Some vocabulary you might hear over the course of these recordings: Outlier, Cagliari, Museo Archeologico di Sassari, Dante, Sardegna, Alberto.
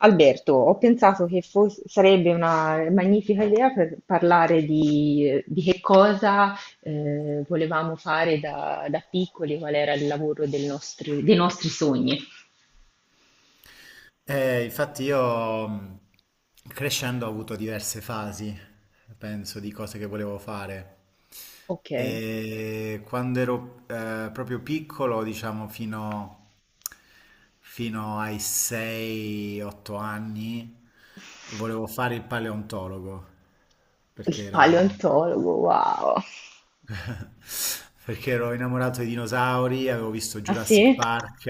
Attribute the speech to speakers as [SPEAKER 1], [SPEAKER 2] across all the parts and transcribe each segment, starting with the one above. [SPEAKER 1] Alberto, ho pensato che sarebbe una magnifica idea per parlare di che cosa volevamo fare da piccoli, qual era il lavoro dei nostri sogni.
[SPEAKER 2] Infatti io crescendo ho avuto diverse fasi, penso, di cose che volevo fare.
[SPEAKER 1] Ok, il
[SPEAKER 2] E quando ero proprio piccolo, diciamo fino ai 6-8 anni, volevo fare il paleontologo, perché ero...
[SPEAKER 1] paleontologo, wow.
[SPEAKER 2] Perché ero innamorato dei dinosauri, avevo visto
[SPEAKER 1] Ah,
[SPEAKER 2] Jurassic
[SPEAKER 1] sì?
[SPEAKER 2] Park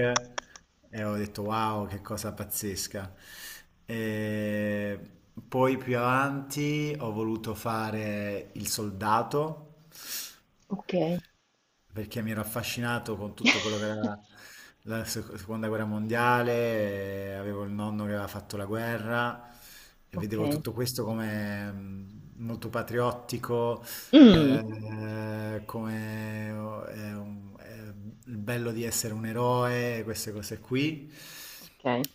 [SPEAKER 2] e ho detto wow, che cosa pazzesca. E poi più avanti ho voluto fare il soldato
[SPEAKER 1] Ok.
[SPEAKER 2] perché mi ero affascinato con tutto quello che era la seconda guerra mondiale. Avevo il nonno che aveva fatto la guerra e
[SPEAKER 1] Ok.
[SPEAKER 2] vedevo tutto questo come molto patriottico,
[SPEAKER 1] Mm.
[SPEAKER 2] come eh, un- eh, il bello di essere un eroe, queste cose qui.
[SPEAKER 1] Ok.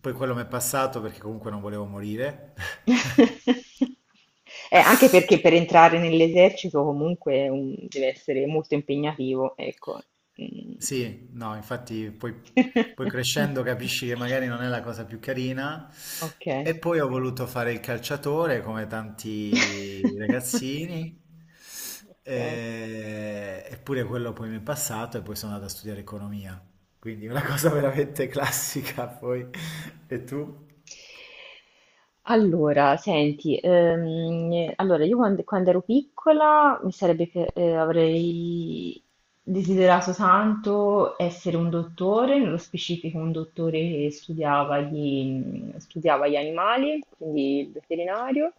[SPEAKER 2] Poi quello mi è passato perché comunque non volevo morire.
[SPEAKER 1] Anche perché per entrare nell'esercito comunque deve essere molto impegnativo, ecco. Mm.
[SPEAKER 2] Sì, no, infatti poi crescendo capisci che magari non è la cosa più carina.
[SPEAKER 1] Ok.
[SPEAKER 2] E poi ho voluto fare il calciatore come tanti ragazzini.
[SPEAKER 1] Ok.
[SPEAKER 2] Eppure quello poi mi è passato e poi sono andato a studiare economia. Quindi una cosa veramente classica poi. E tu?
[SPEAKER 1] Allora, senti, allora io quando ero piccola avrei desiderato tanto essere un dottore, nello specifico un dottore che studiava gli animali, quindi il veterinario,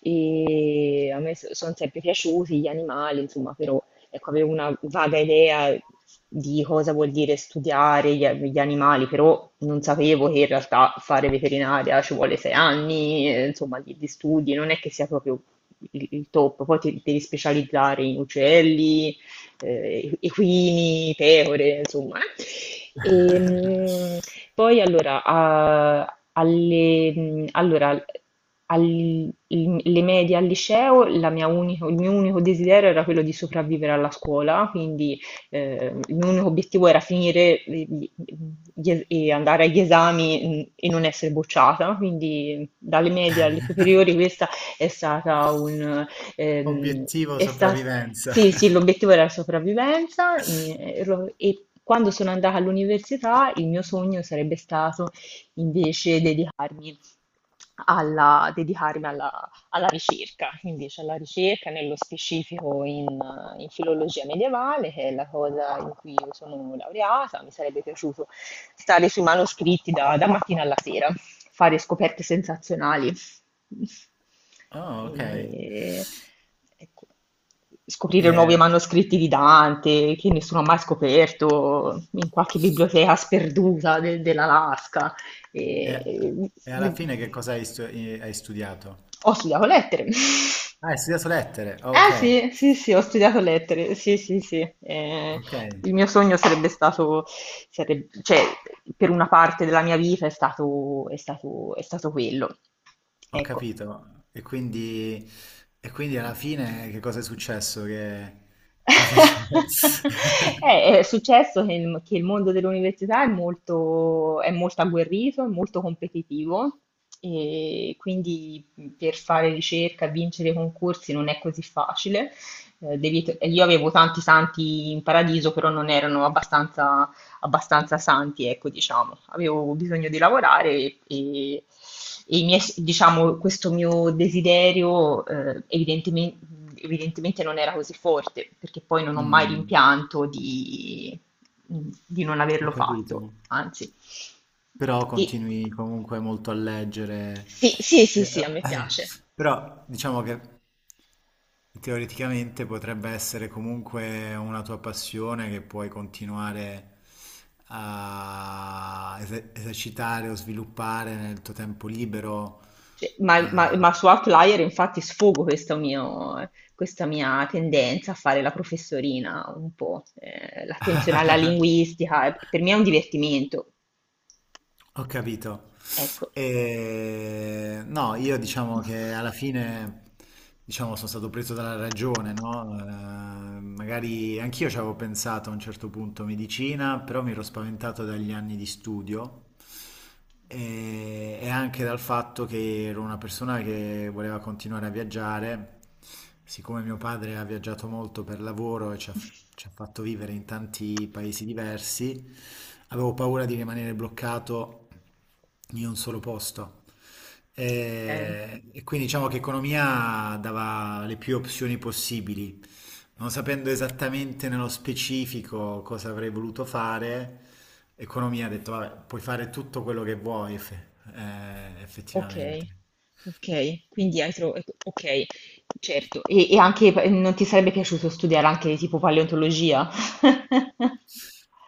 [SPEAKER 1] e a me sono sempre piaciuti gli animali, insomma, però ecco, avevo una vaga idea di cosa vuol dire studiare gli animali, però non sapevo che in realtà fare veterinaria ci vuole sei anni, insomma, di studi, non è che sia proprio il top, poi ti devi specializzare in uccelli, equini, pecore, insomma. E, mm, poi allora, a- alle, mm, allora, al- l- le medie, al liceo, la il mio unico desiderio era quello di sopravvivere alla scuola, quindi il mio unico obiettivo era finire gli- gli es- e andare agli esami, e non essere bocciata, quindi mm, dalle medie alle superiori questa è stata un... ehm,
[SPEAKER 2] Obiettivo
[SPEAKER 1] è sta-
[SPEAKER 2] sopravvivenza.
[SPEAKER 1] sì, sì, l'obiettivo era la sopravvivenza. E e quando sono andata all'università il mio sogno sarebbe stato invece dedicarmi alla ricerca, invece alla ricerca nello specifico in filologia medievale, che è la cosa in cui io sono laureata. Mi sarebbe piaciuto stare sui manoscritti da mattina alla sera, fare scoperte sensazionali.
[SPEAKER 2] Oh, ok.
[SPEAKER 1] E, ecco, scoprire nuovi manoscritti di Dante che nessuno ha mai scoperto in qualche biblioteca sperduta dell'Alaska.
[SPEAKER 2] E-
[SPEAKER 1] E...
[SPEAKER 2] e alla
[SPEAKER 1] vi-
[SPEAKER 2] fine che cosa hai studiato?
[SPEAKER 1] Ho studiato lettere.
[SPEAKER 2] Ah, hai studiato lettere,
[SPEAKER 1] Eh,
[SPEAKER 2] ok,
[SPEAKER 1] sì, sì, sì, ho studiato lettere, sì, sì, sì.
[SPEAKER 2] ok,
[SPEAKER 1] Il mio sogno cioè, per una parte della mia vita è stato quello.
[SPEAKER 2] ho
[SPEAKER 1] Ecco.
[SPEAKER 2] capito. E quindi alla fine che cosa è successo? Che invece...
[SPEAKER 1] È successo che il mondo dell'università è è molto agguerrito, è molto competitivo, e quindi per fare ricerca e vincere i concorsi non è così facile. Io avevo tanti santi in paradiso, però non erano abbastanza santi, ecco, diciamo. Avevo bisogno di lavorare, e, e i miei, diciamo, questo mio desiderio, evidentemente, non era così forte, perché poi non ho mai
[SPEAKER 2] Mm,
[SPEAKER 1] rimpianto di non
[SPEAKER 2] ho
[SPEAKER 1] averlo
[SPEAKER 2] capito.
[SPEAKER 1] fatto, anzi.
[SPEAKER 2] Però
[SPEAKER 1] Ti-
[SPEAKER 2] continui comunque molto a leggere.
[SPEAKER 1] sì, sì,
[SPEAKER 2] Eh,
[SPEAKER 1] sì, sì, a me
[SPEAKER 2] eh,
[SPEAKER 1] piace.
[SPEAKER 2] Però diciamo che teoreticamente potrebbe essere comunque una tua passione che puoi continuare a esercitare o sviluppare nel tuo tempo libero.
[SPEAKER 1] Cioè, ma
[SPEAKER 2] Eh.
[SPEAKER 1] su Outlier infatti sfogo questo mio questa mia tendenza a fare la professorina un po', l'attenzione alla linguistica, e per me è un divertimento.
[SPEAKER 2] Ho capito.
[SPEAKER 1] Ecco.
[SPEAKER 2] E no, io diciamo che alla fine diciamo, sono stato preso dalla ragione, no? Magari anch'io ci avevo pensato a un certo punto medicina, però mi ero spaventato dagli anni di studio e anche dal fatto che ero una persona che voleva continuare a viaggiare. Siccome mio padre ha viaggiato molto per lavoro e ci ci ha fatto vivere in tanti paesi diversi, avevo paura di rimanere bloccato in un solo posto.
[SPEAKER 1] Okay,
[SPEAKER 2] E quindi diciamo che economia dava le più opzioni possibili. Non sapendo esattamente nello specifico cosa avrei voluto fare, economia ha detto, vabbè, puoi fare tutto quello che vuoi, effettivamente.
[SPEAKER 1] okay, okay, quindi hai tro okay, certo. E anche p non ti sarebbe piaciuto studiare anche tipo paleontologia?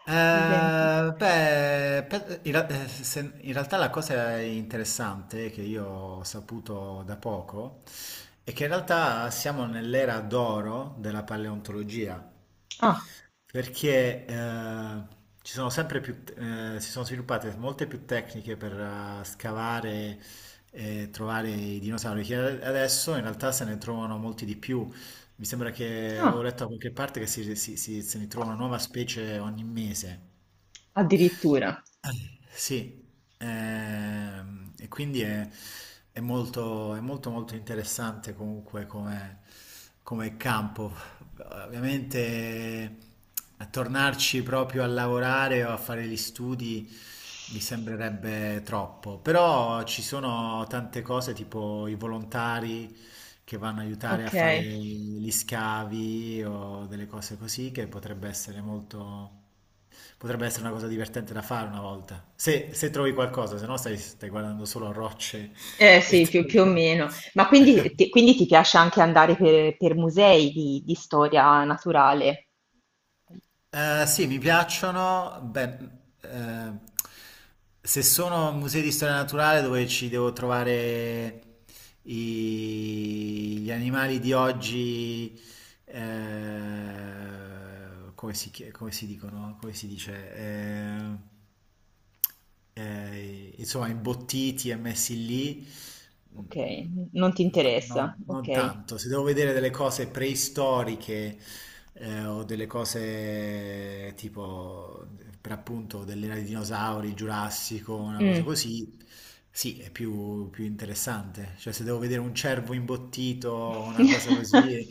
[SPEAKER 1] Per esempio.
[SPEAKER 2] Beh, per- in, ra- se- in realtà la cosa interessante che io ho saputo da poco è che in realtà siamo nell'era d'oro della paleontologia,
[SPEAKER 1] Ah,
[SPEAKER 2] perché ci sono sempre si sono sviluppate molte più tecniche per scavare e trovare i dinosauri, che adesso in realtà se ne trovano molti di più. Mi sembra che avevo
[SPEAKER 1] ah,
[SPEAKER 2] letto da qualche parte che se ne trova una nuova specie ogni mese.
[SPEAKER 1] addirittura.
[SPEAKER 2] Sì, e quindi è molto molto interessante comunque come, come campo. Ovviamente a tornarci proprio a lavorare o a fare gli studi mi sembrerebbe troppo, però ci sono tante cose tipo i volontari che vanno a aiutare a fare
[SPEAKER 1] Okay.
[SPEAKER 2] gli scavi o delle cose così, che potrebbe essere molto... potrebbe essere una cosa divertente da fare una volta. Se, se trovi qualcosa, se no stai guardando solo rocce
[SPEAKER 1] Eh,
[SPEAKER 2] e
[SPEAKER 1] sì, più o
[SPEAKER 2] terra.
[SPEAKER 1] meno. Ma quindi ti piace anche andare per musei di storia naturale?
[SPEAKER 2] Eh sì, mi piacciono. Beh, eh, se sono musei di storia naturale dove ci devo trovare gli animali di oggi come come si dicono, come si dice, insomma, imbottiti e messi lì,
[SPEAKER 1] Ok,
[SPEAKER 2] mm,
[SPEAKER 1] non ti
[SPEAKER 2] no,
[SPEAKER 1] interessa.
[SPEAKER 2] non
[SPEAKER 1] Ok.
[SPEAKER 2] tanto. Se devo vedere delle cose preistoriche o delle cose tipo, per appunto, dell'era dei dinosauri, il Giurassico, una cosa
[SPEAKER 1] Mm.
[SPEAKER 2] così, sì, è più, più interessante. Cioè, se devo vedere un cervo imbottito o una cosa così,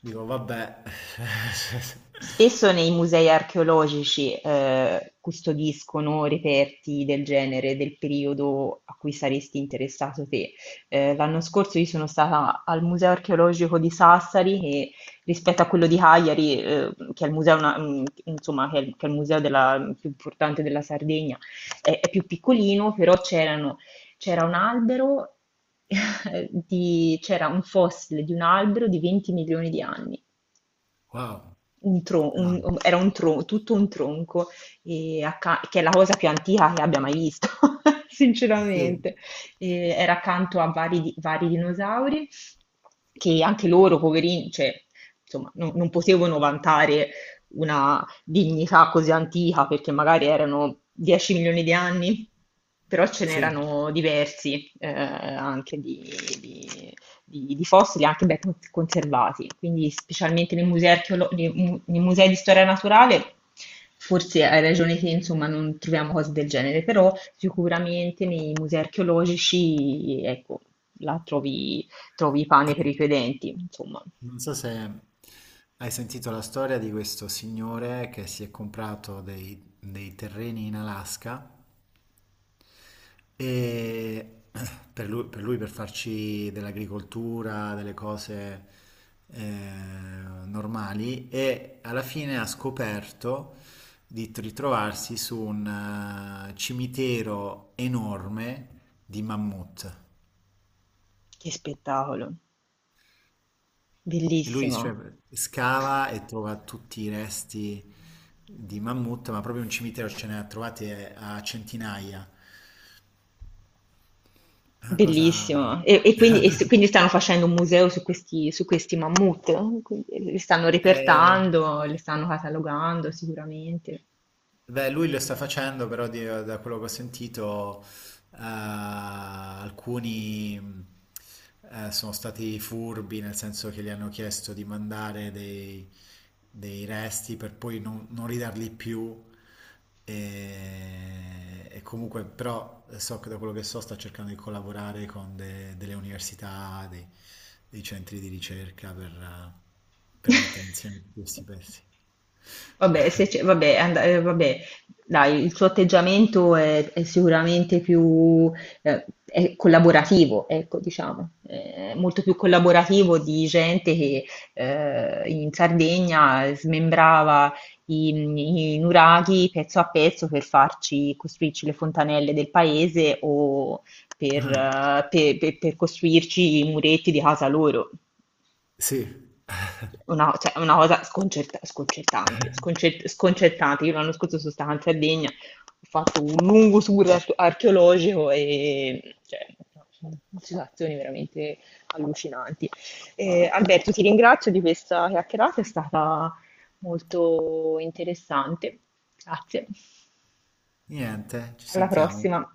[SPEAKER 2] dico, vabbè.
[SPEAKER 1] Spesso nei musei archeologici, custodiscono reperti del genere, del periodo a cui saresti interessato te. L'anno scorso io sono stata al Museo Archeologico di Sassari che, rispetto a quello di Cagliari, che è il museo na mhmm, insomma che è il museo della più importante della Sardegna, è più piccolino, però c'era un albero di c'era un fossile di un albero di 20 milioni di anni.
[SPEAKER 2] Wow.
[SPEAKER 1] Un tro un
[SPEAKER 2] No.
[SPEAKER 1] um, era un tro Tutto un tronco, acca, che è la cosa più antica che abbia mai visto,
[SPEAKER 2] Sì,
[SPEAKER 1] sinceramente. Era accanto a vari di vari dinosauri, che anche loro, poverini, cioè, insomma, non potevano vantare una dignità così antica, perché magari erano 10 milioni di anni, però ce
[SPEAKER 2] sì.
[SPEAKER 1] n'erano diversi, anche di di fossili anche ben conservati. Quindi specialmente nei musei, archeolo- nei mu- nei musei di storia naturale, forse hai ragione te, insomma, non troviamo cose del genere, però sicuramente nei musei archeologici, ecco, là trovi pane per i tuoi denti, insomma.
[SPEAKER 2] Non so se hai sentito la storia di questo signore che si è comprato dei terreni in Alaska e per per lui per farci dell'agricoltura, delle cose eh, normali e alla fine ha scoperto di ritrovarsi su un cimitero enorme di mammut.
[SPEAKER 1] Che spettacolo,
[SPEAKER 2] E lui cioè,
[SPEAKER 1] bellissimo.
[SPEAKER 2] scava e trova tutti i resti di mammut, ma proprio un cimitero ce ne ha trovati a centinaia. Una cosa...
[SPEAKER 1] Bellissimo. E quindi, quindi stanno facendo un museo su su questi mammut, eh? Quindi li stanno
[SPEAKER 2] Eh,
[SPEAKER 1] repertando, li stanno catalogando sicuramente.
[SPEAKER 2] beh, lui lo sta facendo, però da quello che ho sentito, alcuni sono stati furbi, nel senso che gli hanno chiesto di mandare dei resti per poi non ridarli più. E comunque, però, so che da quello che so sta cercando di collaborare con delle università, dei, dei centri di ricerca per mettere insieme questi pezzi.
[SPEAKER 1] Vabbè, se c'è vabbè, and vabbè, dai, il suo atteggiamento è sicuramente più, è collaborativo, ecco, diciamo, è molto più collaborativo di gente che, in Sardegna smembrava i nuraghi pezzo a pezzo per farci costruirci le fontanelle del paese o per,
[SPEAKER 2] Ah,
[SPEAKER 1] per costruirci i muretti di casa loro.
[SPEAKER 2] sì.
[SPEAKER 1] Una Cioè, è una cosa sconcertante, sconcertante. Io l'anno scorso sono stata in Sardegna, ho fatto un lungo tour archeologico e, cioè, no, sono situazioni veramente allucinanti. Alberto, ti ringrazio di questa chiacchierata, è stata molto interessante. Grazie.
[SPEAKER 2] Niente, ci
[SPEAKER 1] Alla
[SPEAKER 2] sentiamo.
[SPEAKER 1] prossima.